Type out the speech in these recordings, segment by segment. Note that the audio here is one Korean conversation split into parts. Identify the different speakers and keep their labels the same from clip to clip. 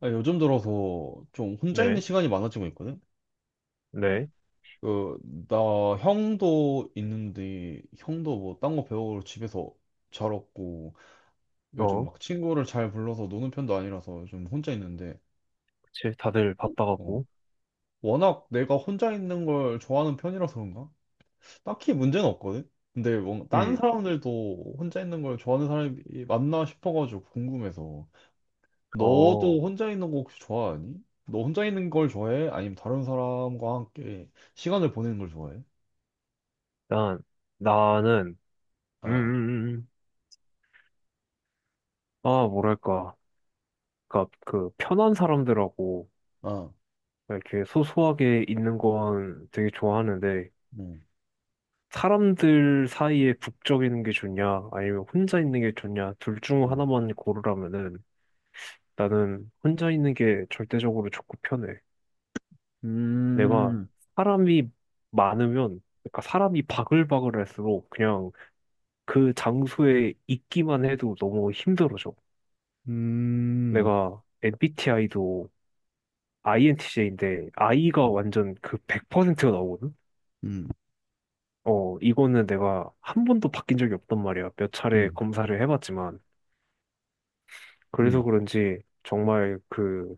Speaker 1: 아, 요즘 들어서 좀 혼자 있는
Speaker 2: 네,
Speaker 1: 시간이 많아지고 있거든?
Speaker 2: 네.
Speaker 1: 그, 나 형도 있는데, 형도 뭐 딴 거 배우러 집에서 잘 없고, 요즘
Speaker 2: 어,
Speaker 1: 막 친구를 잘 불러서 노는 편도 아니라서 요즘 혼자 있는데,
Speaker 2: 그치, 다들
Speaker 1: 어,
Speaker 2: 바빠갖고.
Speaker 1: 워낙 내가 혼자 있는 걸 좋아하는 편이라서 그런가? 딱히 문제는 없거든? 근데 뭔가 다른
Speaker 2: 음,
Speaker 1: 사람들도 혼자 있는 걸 좋아하는 사람이 맞나 싶어가지고 궁금해서.
Speaker 2: 어,
Speaker 1: 너도 혼자 있는 거 혹시 좋아하니? 너 혼자 있는 걸 좋아해? 아니면 다른 사람과 함께 시간을 보내는 걸 좋아해?
Speaker 2: 난, 나는, 음,
Speaker 1: 아,
Speaker 2: 음, 음. 아, 뭐랄까, 그니까, 그, 편한 사람들하고,
Speaker 1: 아,
Speaker 2: 이렇게 소소하게 있는 건 되게 좋아하는데,
Speaker 1: 음,
Speaker 2: 사람들 사이에 북적이는 게 좋냐, 아니면 혼자 있는 게 좋냐, 둘 중
Speaker 1: 음,
Speaker 2: 하나만 고르라면은, 나는 혼자 있는 게 절대적으로 좋고 편해. 내가
Speaker 1: 음,
Speaker 2: 사람이 많으면, 그러니까 사람이 바글바글할수록 그냥 그 장소에 있기만 해도 너무 힘들어져.
Speaker 1: 음,
Speaker 2: 내가 MBTI도 INTJ인데 I가
Speaker 1: 음.
Speaker 2: 완전 그 100%가 나오거든?
Speaker 1: 음,
Speaker 2: 어, 이거는 내가 한 번도 바뀐 적이 없단 말이야. 몇 차례
Speaker 1: 음,
Speaker 2: 검사를 해봤지만. 그래서
Speaker 1: 음,
Speaker 2: 그런지 정말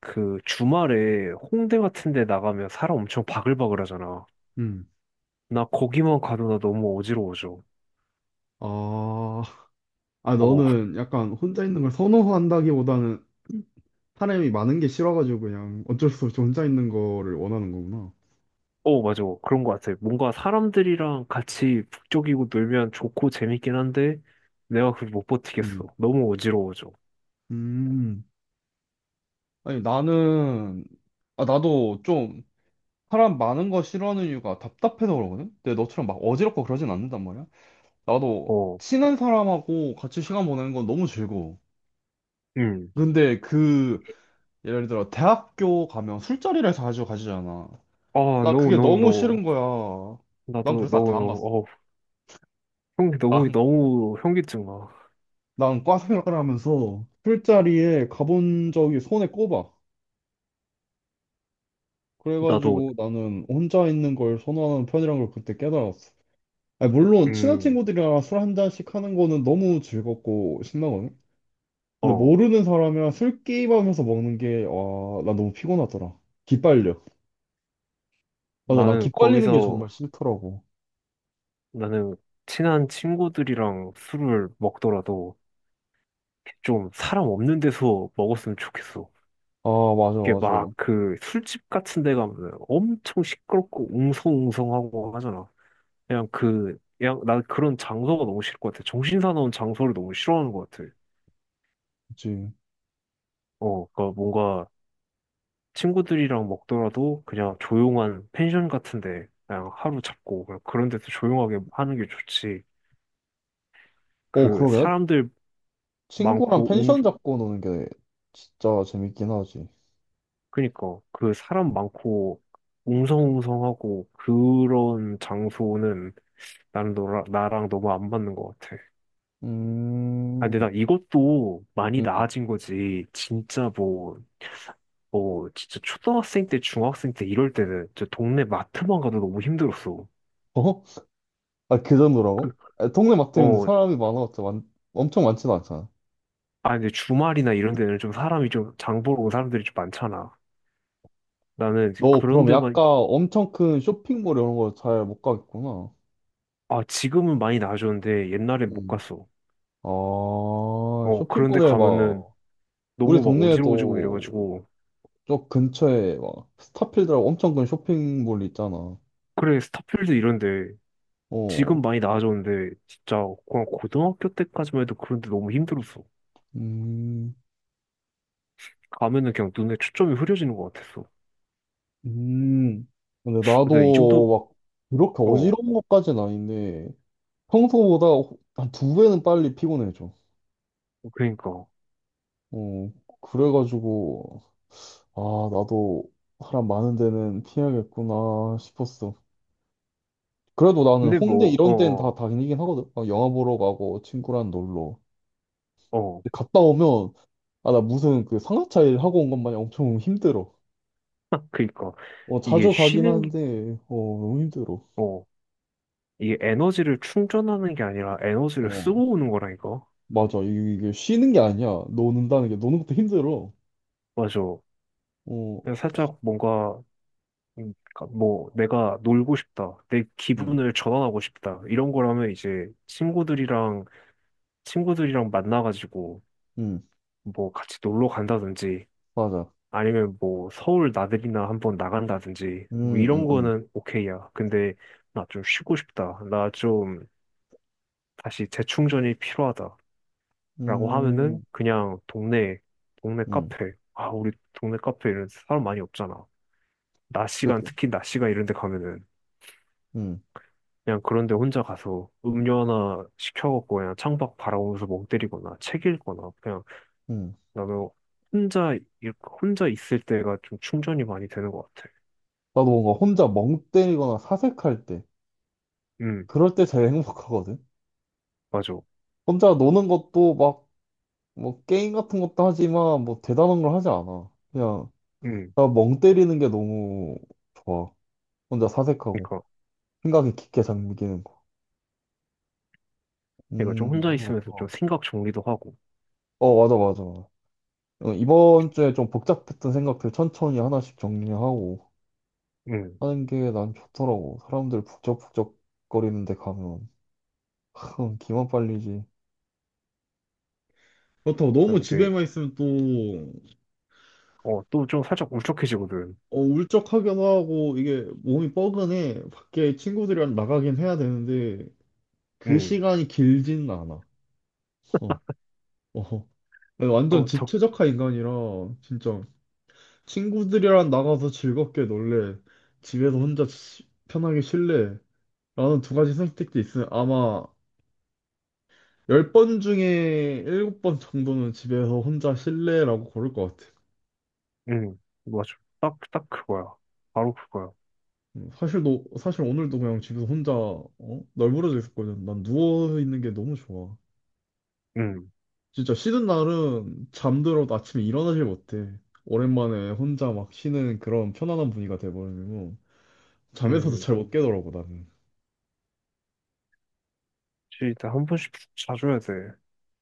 Speaker 2: 그 주말에 홍대 같은 데 나가면 사람 엄청 바글바글 하잖아.
Speaker 1: 음.
Speaker 2: 나 거기만 가도 나 너무 어지러워져.
Speaker 1: 아, 아,
Speaker 2: 어,
Speaker 1: 너는 약간 혼자 있는 걸 선호한다기보다는 사람이 많은 게 싫어가지고 그냥 어쩔 수 없이 혼자 있는 거를 원하는 거구나.
Speaker 2: 어, 맞아. 그런 것 같아. 뭔가 사람들이랑 같이 북적이고 놀면 좋고 재밌긴 한데, 내가 그걸 못
Speaker 1: 음,
Speaker 2: 버티겠어. 너무 어지러워져.
Speaker 1: 음, 아니, 나는, 아, 나도 좀 사람 많은 거 싫어하는 이유가 답답해서 그러거든? 근데 너처럼 막 어지럽고 그러진 않는단 말이야. 나도
Speaker 2: 어,
Speaker 1: 친한 사람하고 같이 시간 보내는 건 너무 즐거워.
Speaker 2: 음.
Speaker 1: 근데 예를 들어, 대학교 가면 술자리를 자주 가지잖아.
Speaker 2: 아,
Speaker 1: 나
Speaker 2: no,
Speaker 1: 그게
Speaker 2: no,
Speaker 1: 너무
Speaker 2: no.
Speaker 1: 싫은 거야. 난
Speaker 2: 나도,
Speaker 1: 그래서
Speaker 2: no,
Speaker 1: 다 안
Speaker 2: no.
Speaker 1: 갔어.
Speaker 2: 어, 형기 너무,
Speaker 1: 난,
Speaker 2: 너무 현기증 나.
Speaker 1: 난과 생활을 하면서 술자리에 가본 적이 손에 꼽아.
Speaker 2: 나도.
Speaker 1: 그래가지고 나는 혼자 있는 걸 선호하는 편이란 걸 그때 깨달았어. 아니, 물론 친한
Speaker 2: 음.
Speaker 1: 친구들이랑 술 한 잔씩 하는 거는 너무 즐겁고 신나거든. 근데
Speaker 2: 어.
Speaker 1: 모르는 사람이랑 술 게임하면서 먹는 게, 와, 나 너무 피곤하더라. 기빨려. 맞아, 난
Speaker 2: 나는
Speaker 1: 기빨리는 게 정말
Speaker 2: 거기서,
Speaker 1: 싫더라고.
Speaker 2: 나는 친한 친구들이랑 술을 먹더라도 좀 사람 없는 데서 먹었으면 좋겠어.
Speaker 1: 아, 맞아,
Speaker 2: 이게
Speaker 1: 맞아.
Speaker 2: 막 그 술집 같은 데 가면 엄청 시끄럽고 웅성웅성하고 하잖아. 그냥 난 그런 장소가 너무 싫을 것 같아. 정신 사나운 장소를 너무 싫어하는 것 같아.
Speaker 1: 그치.
Speaker 2: 어, 그러니까 뭔가 친구들이랑 먹더라도 그냥 조용한 펜션 같은 데 그냥 하루 잡고 그냥 그런 데서 조용하게 하는 게 좋지.
Speaker 1: 어,
Speaker 2: 그
Speaker 1: 그러게.
Speaker 2: 사람들
Speaker 1: 친구랑
Speaker 2: 많고 웅,
Speaker 1: 펜션 잡고 노는 게 진짜 재밌긴 하지.
Speaker 2: 그니까 그 사람 많고 웅성웅성하고 그런 장소는 나랑 너무 안 맞는 것 같아. 아, 근데
Speaker 1: 음,
Speaker 2: 나 이것도 많이
Speaker 1: 음.
Speaker 2: 나아진 거지. 진짜 뭐, 뭐, 진짜 초등학생 때, 중학생 때 이럴 때는 진짜 동네 마트만 가도 너무 힘들었어.
Speaker 1: 어? 아, 그
Speaker 2: 그,
Speaker 1: 정도라고? 아, 동네 마트 는데
Speaker 2: 어,
Speaker 1: 사람이 많아봤자 엄청 많진 않잖아.
Speaker 2: 아, 근데 주말이나 이런 데는 좀 사람이 좀, 장 보러 온 사람들이 좀 많잖아. 나는 이제
Speaker 1: 너
Speaker 2: 그런
Speaker 1: 그럼
Speaker 2: 데만.
Speaker 1: 약간 엄청 큰 쇼핑몰 이런 거 잘 못 가겠구나.
Speaker 2: 아, 지금은 많이 나아졌는데 옛날에 못
Speaker 1: 음.
Speaker 2: 갔어.
Speaker 1: 아,
Speaker 2: 어, 그런 데
Speaker 1: 쇼핑몰에
Speaker 2: 가면은
Speaker 1: 막, 우리
Speaker 2: 너무 막 어지러워지고
Speaker 1: 동네에도
Speaker 2: 이래가지고.
Speaker 1: 저 근처에 막 스타필드라고 엄청 큰 쇼핑몰 있잖아.
Speaker 2: 그래, 스타필드 이런 데
Speaker 1: 어,
Speaker 2: 지금 많이 나아졌는데 진짜 그냥 고등학교 때까지만 해도 그런 데 너무 힘들었어.
Speaker 1: 음,
Speaker 2: 가면은 그냥 눈에 초점이 흐려지는 것 같았어.
Speaker 1: 음. 근데
Speaker 2: 근데 이
Speaker 1: 나도
Speaker 2: 정도,
Speaker 1: 막 그렇게
Speaker 2: 어,
Speaker 1: 어지러운 것까지는 아닌데 평소보다 한 두 배는 빨리 피곤해져.
Speaker 2: 그러니까.
Speaker 1: 어, 그래가지고 아 나도 사람 많은 데는 피해야겠구나 싶었어. 그래도 나는
Speaker 2: 근데
Speaker 1: 홍대
Speaker 2: 뭐,
Speaker 1: 이런 데는 다
Speaker 2: 어,
Speaker 1: 다니긴 하거든. 막 영화 보러 가고 친구랑 놀러.
Speaker 2: 어, 어.
Speaker 1: 근데 갔다 오면 아 나 무슨 그 상하차 일 하고 온 것 마냥 엄청 힘들어.
Speaker 2: 그러니까.
Speaker 1: 어,
Speaker 2: 이게
Speaker 1: 자주 가긴
Speaker 2: 쉬는, 게-
Speaker 1: 하는데, 어, 너무 힘들어.
Speaker 2: 어, 이게 에너지를 충전하는 게 아니라 에너지를
Speaker 1: 어,
Speaker 2: 쓰고 오는 거라니까.
Speaker 1: 맞아. 이게 쉬는 게 아니야. 노는다는 게, 노는 것도 힘들어.
Speaker 2: 맞아.
Speaker 1: 어,
Speaker 2: 그냥 살짝 뭔가, 그러니까 뭐, 내가 놀고 싶다. 내
Speaker 1: 응,
Speaker 2: 기분을 전환하고 싶다. 이런 거라면 이제 친구들이랑 만나가지고
Speaker 1: 응,
Speaker 2: 뭐 같이 놀러 간다든지
Speaker 1: 맞아.
Speaker 2: 아니면 뭐 서울 나들이나 한번 나간다든지
Speaker 1: 응,
Speaker 2: 뭐 이런
Speaker 1: 응, 응.
Speaker 2: 거는 오케이야. 근데 나 좀 쉬고 싶다. 나 좀 다시 재충전이 필요하다라고
Speaker 1: 응
Speaker 2: 하면은 그냥 동네
Speaker 1: 응,
Speaker 2: 카페. 아, 우리 동네 카페 이런 데 사람 많이 없잖아. 낮 시간
Speaker 1: 그치.
Speaker 2: 특히 낮 시간 이런 데 가면은
Speaker 1: 응,
Speaker 2: 그냥 그런 데 혼자 가서 음료 하나 시켜갖고 그냥 창밖 바라보면서 멍 때리거나 책 읽거나 그냥
Speaker 1: 응.
Speaker 2: 나는 혼자 일- 혼자 있을 때가 좀 충전이 많이 되는 것 같아.
Speaker 1: 나도 뭔가 혼자 멍 때리거나 사색할 때,
Speaker 2: 음,
Speaker 1: 그럴 때 제일 행복하거든.
Speaker 2: 맞아.
Speaker 1: 혼자 노는 것도 막, 뭐, 게임 같은 것도 하지만, 뭐, 대단한 걸 하지 않아. 그냥,
Speaker 2: 음.
Speaker 1: 나 멍 때리는 게 너무 좋아. 혼자 사색하고,
Speaker 2: 그러니까
Speaker 1: 생각이 깊게 잠기는 거.
Speaker 2: 내가 좀 혼자
Speaker 1: 너도
Speaker 2: 있으면서 좀
Speaker 1: 그렇구나.
Speaker 2: 생각 정리도 하고,
Speaker 1: 어, 맞아, 맞아. 어, 이번 주에 좀 복잡했던 생각들 천천히 하나씩 정리하고
Speaker 2: 음,
Speaker 1: 하는 게 난 좋더라고. 사람들 북적북적 거리는데 가면 참 기만 빨리지. 그렇다고 너무
Speaker 2: 근데
Speaker 1: 집에만 있으면 또
Speaker 2: 어 또 좀 살짝 울적해지거든.
Speaker 1: 어, 울적하기도 하고 이게 몸이 뻐근해 밖에 친구들이랑 나가긴 해야 되는데 그
Speaker 2: 음,
Speaker 1: 시간이 길지는 않아. 어, 어. 내가 완전
Speaker 2: 어,
Speaker 1: 집
Speaker 2: 저,
Speaker 1: 최적화 인간이라 진짜 친구들이랑 나가서 즐겁게 놀래 집에서 혼자 편하게 쉴래 나는 두 가지 선택지 있으면 아마 10번 중에 일곱 번 정도는 집에서 혼자 실내라고 고를 것 같아.
Speaker 2: 맞아, 딱 딱 그거야, 바로 그거야.
Speaker 1: 사실 너, 사실 오늘도 그냥 집에서 혼자 어? 널브러져 있었거든. 난 누워 있는 게 너무 좋아.
Speaker 2: 음,
Speaker 1: 진짜 쉬는 날은 잠들어도 아침에 일어나질 못해. 오랜만에 혼자 막 쉬는 그런 편안한 분위기가 돼버리고 잠에서도
Speaker 2: 음,
Speaker 1: 잘 못 깨더라고 나는.
Speaker 2: 진짜 한 번씩 자줘야 돼.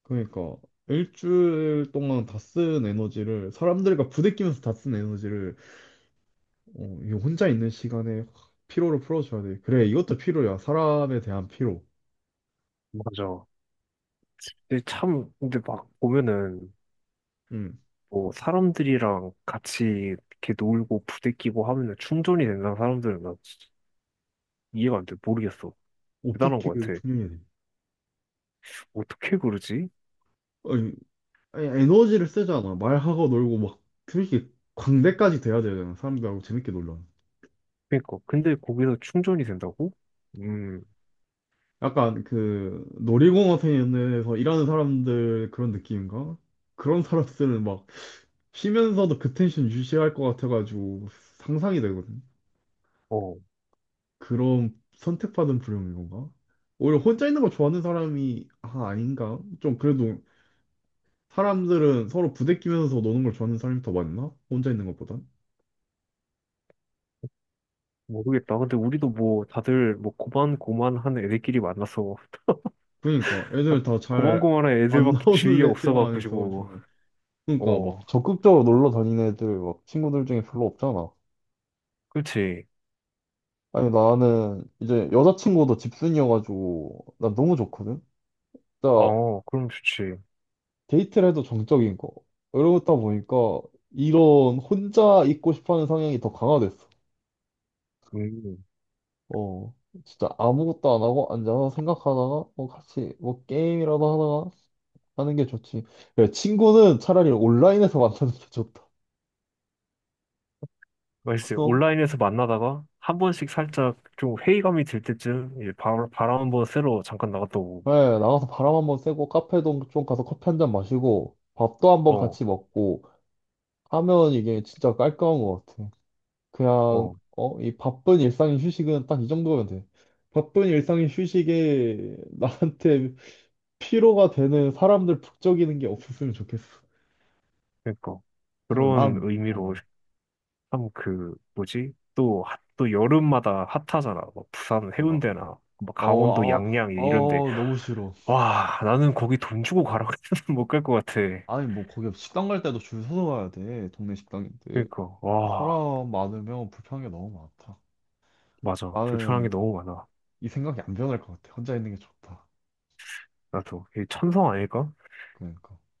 Speaker 1: 그러니까 일주일 동안 다 쓴 에너지를 사람들과 부대끼면서 다 쓴 에너지를 어, 이 혼자 있는 시간에 확 피로를 풀어줘야 돼. 그래, 이것도 피로야. 사람에 대한 피로.
Speaker 2: 맞아. 근데 막 보면은
Speaker 1: 음.
Speaker 2: 뭐 사람들이랑 같이 이렇게 놀고 부대끼고 하면은 충전이 된다는 사람들은 나 진짜 이해가 안 돼, 모르겠어. 대단한
Speaker 1: 어떻게
Speaker 2: 것 같아.
Speaker 1: 충족해야 돼?
Speaker 2: 어떻게 그러지?
Speaker 1: 아니, 아니, 에너지를 쓰잖아. 말하고 놀고 막솔히 광대까지 돼야 되잖아. 사람들하고 재밌게 놀러.
Speaker 2: 그러니까 근데 거기서 충전이 된다고? 음.
Speaker 1: 약간 그 놀이공원에서 일하는 사람들 그런 느낌인가? 그런 사람들은 막 쉬면서도 그 텐션 유지할 것 같아가지고 상상이 되거든.
Speaker 2: 어,
Speaker 1: 그런 선택받은 불행인 건가? 오히려 혼자 있는 걸 좋아하는 사람이 아 아닌가? 좀 그래도 사람들은 서로 부대끼면서 노는 걸 좋아하는 사람이 더 많나? 혼자 있는 것보단?
Speaker 2: 모르겠다. 근데 우리도 뭐 다들 뭐 고만고만한 애들끼리 만나서
Speaker 1: 그러니까 애들
Speaker 2: 딱
Speaker 1: 다 잘
Speaker 2: 고만고만한
Speaker 1: 안
Speaker 2: 애들밖에 주위에
Speaker 1: 나오는 애들만
Speaker 2: 없어가지고.
Speaker 1: 있어가지고 그러니까
Speaker 2: 어,
Speaker 1: 막 적극적으로 놀러 다니는 애들 막 친구들 중에 별로 없잖아.
Speaker 2: 그렇지.
Speaker 1: 아니 나는 이제 여자친구도 집순이여가지고 나 너무 좋거든. 진짜
Speaker 2: 어, 그럼 좋지.
Speaker 1: 데이트를 해도 정적인 거. 이러다 보니까 이런 혼자 있고 싶어하는 성향이 더 강화됐어.
Speaker 2: 음,
Speaker 1: 어, 진짜 아무것도 안 하고 앉아서 생각하다가 뭐 같이 뭐 게임이라도 하다가 하는 게 좋지. 야, 친구는 차라리 온라인에서 만나는 게 좋다.
Speaker 2: 글쎄
Speaker 1: 어?
Speaker 2: 온라인에서 만나다가 한 번씩 살짝 좀 회의감이 들 때쯤 이제 바람 한번 쐬러 잠깐 나갔다 오고.
Speaker 1: 네, 나가서 바람 한번 쐬고 카페도 좀 가서 커피 한 잔 마시고 밥도 한번
Speaker 2: 어,
Speaker 1: 같이 먹고 하면 이게 진짜 깔끔한 것 같아. 그냥
Speaker 2: 어,
Speaker 1: 어, 이 바쁜 일상의 휴식은 딱 이 정도면 돼. 바쁜 일상의 휴식에 나한테 피로가 되는 사람들 북적이는 게 없었으면 좋겠어.
Speaker 2: 그러니까
Speaker 1: 그냥
Speaker 2: 그런
Speaker 1: 난 어,
Speaker 2: 의미로 참 그 뭐지? 또 여름마다 핫하잖아. 뭐 부산
Speaker 1: 뭐가.
Speaker 2: 해운대나 뭐 강원도
Speaker 1: 어, 아,
Speaker 2: 양양 이런데.
Speaker 1: 어, 너무 싫어.
Speaker 2: 와, 나는 거기 돈 주고 가라 그랬으면 못 갈 것 같아.
Speaker 1: 아니, 뭐, 거기 식당 갈 때도 줄 서서 가야 돼. 동네 식당인데.
Speaker 2: 그니까, 와,
Speaker 1: 사람 많으면 불편한 게 너무 많다.
Speaker 2: 맞아. 불편한 게
Speaker 1: 나는
Speaker 2: 너무 많아.
Speaker 1: 이 생각이 안 변할 것 같아. 혼자 있는 게 좋다.
Speaker 2: 나도. 이 천성 아닐까?
Speaker 1: 그러니까.